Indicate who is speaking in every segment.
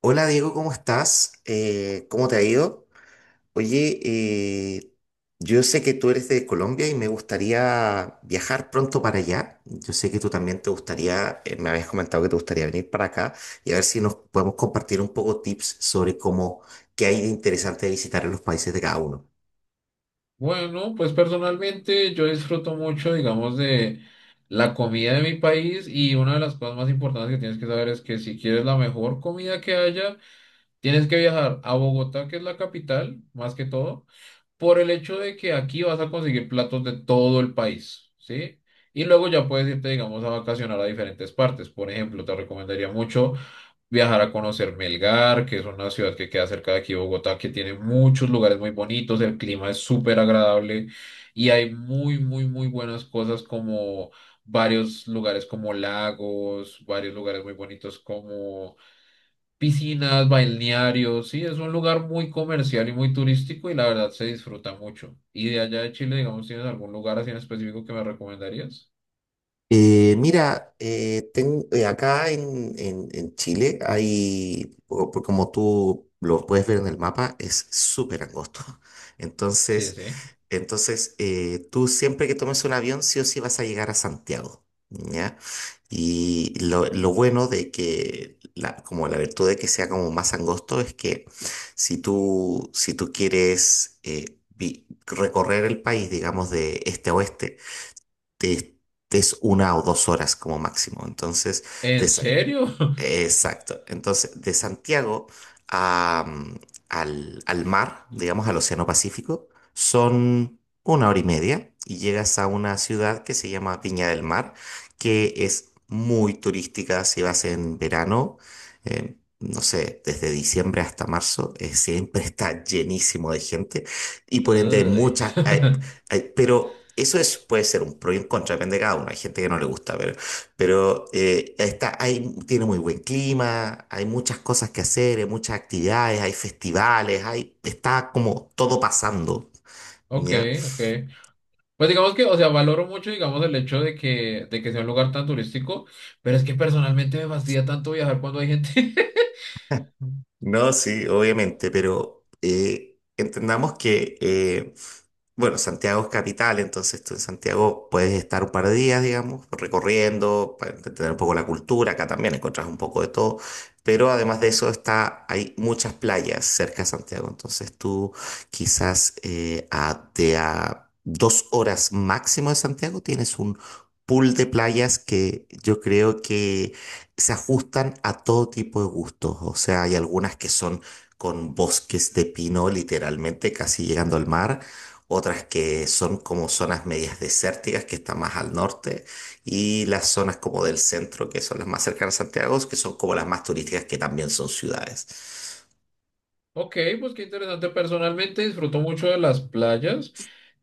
Speaker 1: Hola Diego, ¿cómo estás? ¿Cómo te ha ido? Oye, yo sé que tú eres de Colombia y me gustaría viajar pronto para allá. Yo sé que tú también te gustaría, me habías comentado que te gustaría venir para acá y a ver si nos podemos compartir un poco tips sobre cómo, qué hay de interesante de visitar en los países de cada uno.
Speaker 2: Bueno, pues personalmente yo disfruto mucho, digamos, de la comida de mi país y una de las cosas más importantes que tienes que saber es que si quieres la mejor comida que haya, tienes que viajar a Bogotá, que es la capital, más que todo, por el hecho de que aquí vas a conseguir platos de todo el país, ¿sí? Y luego ya puedes irte, digamos, a vacacionar a diferentes partes. Por ejemplo, te recomendaría mucho viajar a conocer Melgar, que es una ciudad que queda cerca de aquí, de Bogotá, que tiene muchos lugares muy bonitos, el clima es súper agradable y hay muy, muy, muy buenas cosas como varios lugares como lagos, varios lugares muy bonitos como piscinas, balnearios, sí, es un lugar muy comercial y muy turístico y la verdad se disfruta mucho. ¿Y de allá de Chile, digamos, tienes algún lugar así en específico que me recomendarías?
Speaker 1: Mira, acá en Chile hay, por como tú lo puedes ver en el mapa, es súper angosto.
Speaker 2: Sí,
Speaker 1: Entonces...
Speaker 2: sí.
Speaker 1: Entonces, tú siempre que tomes un avión, sí o sí vas a llegar a Santiago, ¿ya? Y lo bueno de que, la, como la virtud de que sea como más angosto, es que si tú quieres recorrer el país, digamos, de este a oeste, te- te es 1 o 2 horas como máximo. Entonces,
Speaker 2: ¿En serio?
Speaker 1: exacto. Entonces, de Santiago a, mm, al mar, digamos al Océano Pacífico, son una hora y media y llegas a una ciudad que se llama Viña del Mar, que es muy turística si vas en verano. No sé, desde diciembre hasta marzo, siempre está llenísimo de gente y por ende hay
Speaker 2: Uy.
Speaker 1: muchas, hay- hay- pero eso es, puede ser un pro y un contra, depende de cada uno. Hay gente que no le gusta, pero está, hay, tiene muy buen clima, hay muchas cosas que hacer, hay muchas actividades, hay festivales, hay, está como todo pasando,
Speaker 2: Ok,
Speaker 1: ¿ya?
Speaker 2: ok. Pues digamos que, o sea, valoro mucho, digamos, el hecho de que sea un lugar tan turístico, pero es que personalmente me fastidia tanto viajar cuando hay gente.
Speaker 1: No, sí, obviamente, pero entendamos que, bueno, Santiago es capital, entonces tú en Santiago puedes estar un par de días, digamos, recorriendo, para entender un poco la cultura, acá también encontrás un poco de todo, pero además de eso está, hay muchas playas cerca de Santiago, entonces tú quizás de a 2 horas máximo de Santiago tienes un pool de playas que yo creo que se ajustan a todo tipo de gustos. O sea, hay algunas que son con bosques de pino, literalmente casi llegando al mar. Otras que son como zonas medias desérticas, que están más al norte. Y las zonas como del centro, que son las más cercanas a Santiago, que son como las más turísticas, que también son ciudades.
Speaker 2: Ok, pues qué interesante. Personalmente disfruto mucho de las playas.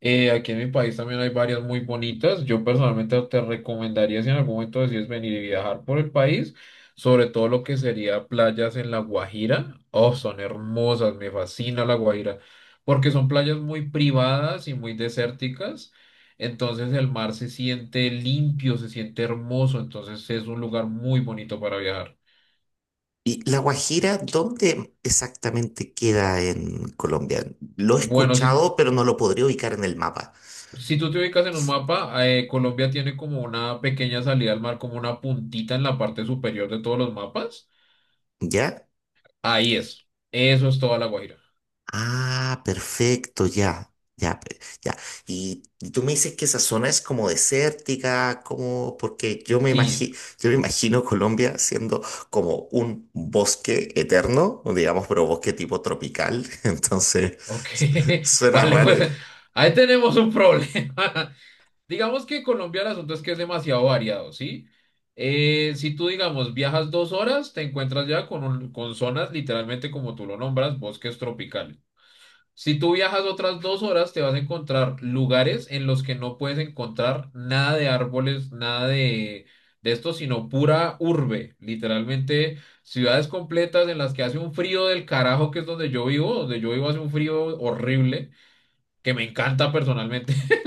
Speaker 2: Aquí en mi país también hay varias muy bonitas. Yo personalmente te recomendaría si en algún momento decides venir y viajar por el país, sobre todo lo que sería playas en La Guajira. Oh, son hermosas, me fascina La Guajira, porque son playas muy privadas y muy desérticas. Entonces el mar se siente limpio, se siente hermoso, entonces es un lugar muy bonito para viajar.
Speaker 1: ¿Y La Guajira, dónde exactamente queda en Colombia? Lo he
Speaker 2: Bueno, si
Speaker 1: escuchado, pero no lo podría ubicar en el mapa.
Speaker 2: Si tú te ubicas en un mapa, Colombia tiene como una pequeña salida al mar, como una puntita en la parte superior de todos los mapas.
Speaker 1: ¿Ya?
Speaker 2: Ahí es. Eso es toda La Guaira.
Speaker 1: Ah, perfecto, ya, ya, ya. Y tú me dices que esa zona es como desértica, como, porque yo me
Speaker 2: Sí,
Speaker 1: imagino, yo me imagino Colombia siendo como un bosque eterno, digamos, pero bosque tipo tropical. Entonces,
Speaker 2: ok.
Speaker 1: su- suena
Speaker 2: Vale,
Speaker 1: raro.
Speaker 2: pues ahí tenemos un problema. Digamos que Colombia el asunto es que es demasiado variado, ¿sí? Si tú, digamos, viajas 2 horas, te encuentras ya con, con zonas literalmente como tú lo nombras, bosques tropicales. Si tú viajas otras 2 horas, te vas a encontrar lugares en los que no puedes encontrar nada de árboles, nada de, de esto, sino pura urbe. Literalmente, ciudades completas en las que hace un frío del carajo, que es donde yo vivo. Donde yo vivo hace un frío horrible, que me encanta personalmente.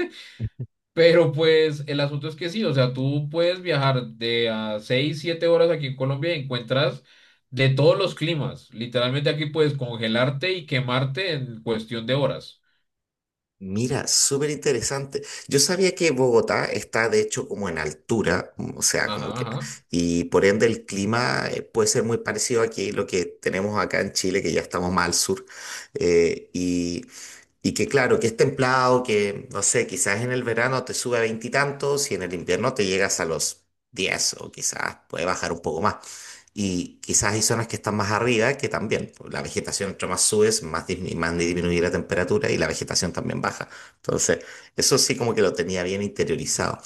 Speaker 2: Pero pues el asunto es que sí, o sea, tú puedes viajar de a 6, 7 horas aquí en Colombia y encuentras de todos los climas. Literalmente aquí puedes congelarte y quemarte en cuestión de horas.
Speaker 1: Mira, súper interesante. Yo sabía que Bogotá está de hecho como en altura, o sea, como
Speaker 2: Ajá,
Speaker 1: que,
Speaker 2: ajá.
Speaker 1: y por ende el clima puede ser muy parecido aquí, lo que tenemos acá en Chile, que ya estamos más al sur. Eh, y y que claro, que es templado, que no sé, quizás en el verano te sube a veintitantos y, en el invierno te llegas a los diez o quizás puede bajar un poco más. Y quizás hay zonas que están más arriba que también, pues, la vegetación entre más subes, más disminuye la temperatura y la vegetación también baja. Entonces, eso sí como que lo tenía bien interiorizado,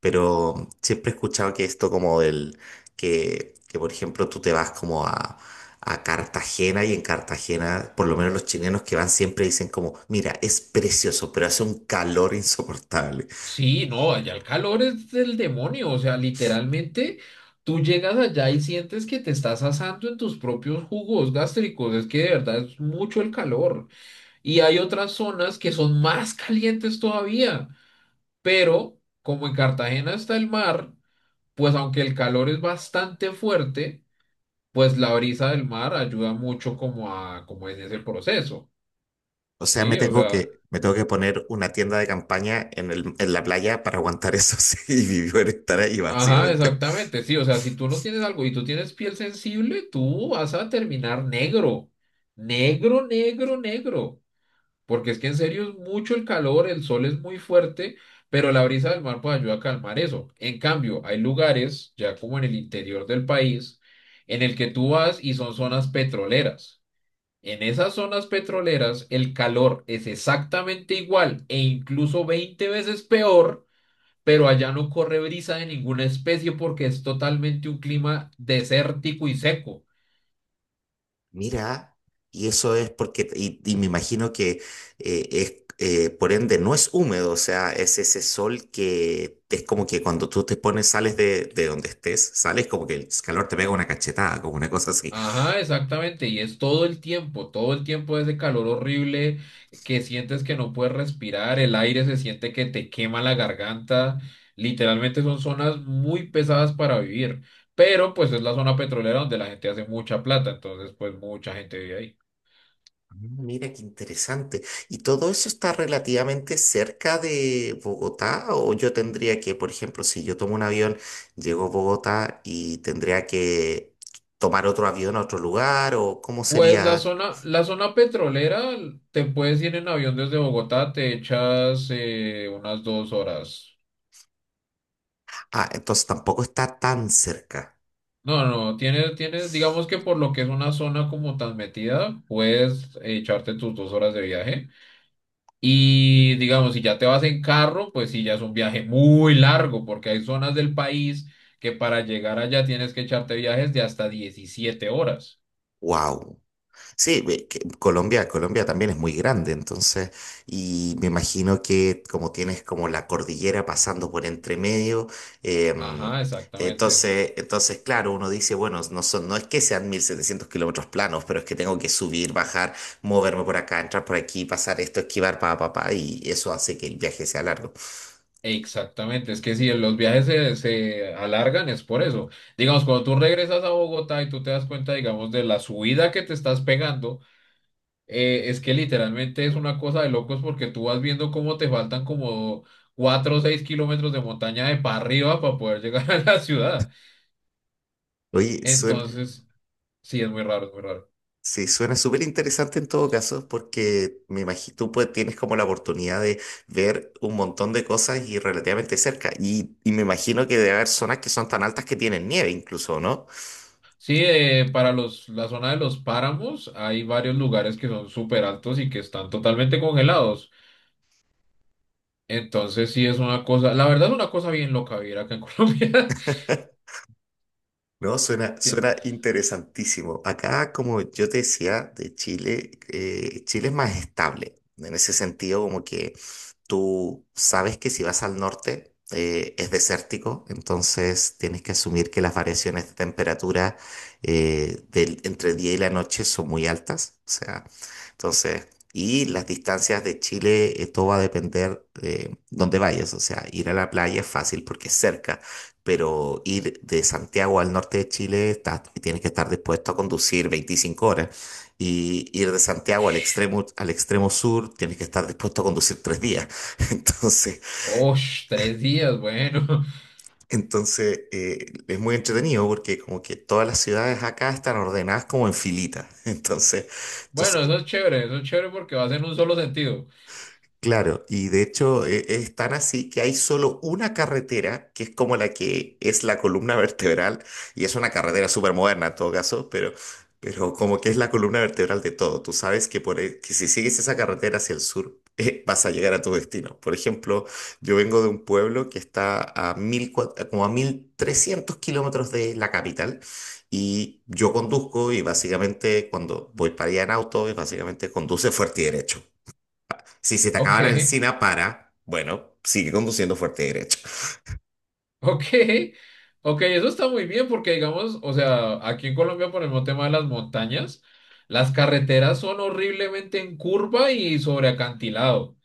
Speaker 1: pero siempre he escuchado que esto como del, que por ejemplo tú te vas como a Cartagena y en Cartagena, por lo menos los chilenos que van siempre dicen como, mira, es precioso, pero hace un calor insoportable.
Speaker 2: Sí, no, allá el calor es del demonio, o sea, literalmente tú llegas allá y sientes que te estás asando en tus propios jugos gástricos, es que de verdad es mucho el calor. Y hay otras zonas que son más calientes todavía, pero como en Cartagena está el mar, pues aunque el calor es bastante fuerte, pues la brisa del mar ayuda mucho como a, como en ese proceso,
Speaker 1: O sea, me
Speaker 2: ¿sí? O
Speaker 1: tengo
Speaker 2: sea...
Speaker 1: que, me tengo que poner una tienda de campaña en el, en la playa para aguantar eso sí, y vivir estar ahí
Speaker 2: Ajá,
Speaker 1: básicamente.
Speaker 2: exactamente, sí, o sea, si tú no tienes algo y tú tienes piel sensible, tú vas a terminar negro, negro, negro, negro, porque es que en serio es mucho el calor, el sol es muy fuerte, pero la brisa del mar puede ayudar a calmar eso. En cambio, hay lugares, ya como en el interior del país, en el que tú vas y son zonas petroleras. En esas zonas petroleras, el calor es exactamente igual e incluso 20 veces peor pero allá no corre brisa de ninguna especie porque es totalmente un clima desértico y seco.
Speaker 1: Mira, y eso es porque, y me imagino que por ende no es húmedo, o sea, es ese sol que es como que cuando tú te pones, sales de donde estés, sales como que el calor te pega una cachetada, como una cosa así.
Speaker 2: Ajá, exactamente, y es todo el tiempo ese calor horrible que sientes que no puedes respirar, el aire se siente que te quema la garganta, literalmente son zonas muy pesadas para vivir, pero pues es la zona petrolera donde la gente hace mucha plata, entonces pues mucha gente vive ahí.
Speaker 1: Ah, mira, qué interesante. ¿Y todo eso está relativamente cerca de Bogotá? ¿O yo tendría que, por ejemplo, si yo tomo un avión, llego a Bogotá y tendría que tomar otro avión a otro lugar? ¿O cómo
Speaker 2: Pues la
Speaker 1: sería?
Speaker 2: zona, la zona petrolera, te puedes ir en avión desde Bogotá, te echas unas 2 horas.
Speaker 1: Ah, entonces tampoco está tan cerca.
Speaker 2: No, no, no, tienes, digamos que por lo que es una zona como tan metida, puedes echarte tus 2 horas de viaje. Y digamos, si ya te vas en carro, pues sí, ya es un viaje muy largo, porque hay zonas del país que para llegar allá tienes que echarte viajes de hasta 17 horas.
Speaker 1: Wow. Sí, ve que Colombia también es muy grande, entonces, y me imagino que como tienes como la cordillera pasando por entre medio, em,
Speaker 2: Ajá, exactamente.
Speaker 1: entonces, claro, uno dice, bueno, no son, no es que sean 1.700 kilómetros planos, pero es que tengo que subir, bajar, moverme por acá, entrar por aquí, pasar esto, esquivar, pa, pa, pa, y eso hace que el viaje sea largo.
Speaker 2: Exactamente, es que si los viajes se alargan es por eso. Digamos, cuando tú regresas a Bogotá y tú te das cuenta, digamos, de la subida que te estás pegando, es que literalmente es una cosa de locos porque tú vas viendo cómo te faltan como 4 o 6 kilómetros de montaña de para arriba para poder llegar a la ciudad.
Speaker 1: Oye, suena,
Speaker 2: Entonces, sí, es muy raro, es muy raro.
Speaker 1: Sí, suena súper interesante en todo caso, porque me imagino tú pues, tienes como la oportunidad de ver un montón de cosas y relativamente cerca. Y me imagino que debe haber zonas que son tan altas que tienen nieve incluso, ¿no?
Speaker 2: Sí, para la zona de los páramos hay varios lugares que son súper altos y que están totalmente congelados. Entonces sí es una cosa, la verdad es una cosa bien loca vivir acá en Colombia.
Speaker 1: No,
Speaker 2: Tie-
Speaker 1: suena interesantísimo. Acá, como yo te decía, de Chile, Chile es más estable. En ese sentido, como que tú sabes que si vas al norte es desértico, entonces tienes que asumir que las variaciones de temperatura del, entre el día y la noche son muy altas. O sea, entonces, y las distancias de Chile, todo va a depender de dónde vayas. O sea, ir a la playa es fácil porque es cerca, pero ir de Santiago al norte de Chile tienes que estar dispuesto a conducir 25 horas. Y ir de Santiago
Speaker 2: Osh,
Speaker 1: al extremo sur, tienes que estar dispuesto a conducir 3 días. Entonces,
Speaker 2: osh, 3 días, bueno.
Speaker 1: entonces es muy entretenido porque como que todas las ciudades acá están ordenadas como en filitas. Entonces,
Speaker 2: Bueno,
Speaker 1: entonces
Speaker 2: eso es chévere porque va en un solo sentido.
Speaker 1: claro, y de hecho es tan así que hay solo una carretera que es como la que es la columna vertebral, y es una carretera súper moderna en todo caso, pero como que es la columna vertebral de todo. Tú sabes que, que si sigues esa carretera hacia el sur, vas a llegar a tu destino. Por ejemplo, yo vengo de un pueblo que está como a 1.300 kilómetros de la capital, y yo conduzco, y básicamente cuando voy para allá en auto, y básicamente conduce fuerte y derecho. Si se te
Speaker 2: Ok,
Speaker 1: acaba la encina, para. Bueno, sigue conduciendo fuerte derecho.
Speaker 2: ok, ok, eso está muy bien porque digamos, o sea, aquí en Colombia por el mismo tema de las montañas, las carreteras son horriblemente en curva y sobre acantilado.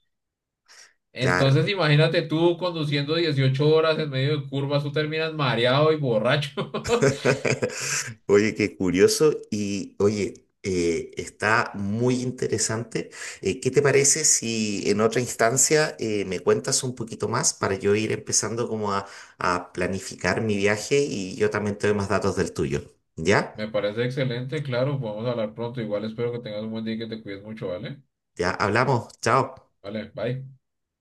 Speaker 1: Claro.
Speaker 2: Entonces imagínate tú conduciendo 18 horas en medio de curvas, tú terminas mareado y borracho.
Speaker 1: Oye, qué curioso. Y oye, está muy interesante. ¿Qué te parece si en otra instancia me cuentas un poquito más para yo ir empezando como a planificar mi viaje y yo también te doy más datos del tuyo? ¿Ya?
Speaker 2: Me parece excelente, claro, podemos hablar pronto. Igual espero que tengas un buen día y que te cuides mucho, ¿vale?
Speaker 1: Ya hablamos. Chao.
Speaker 2: Vale, bye.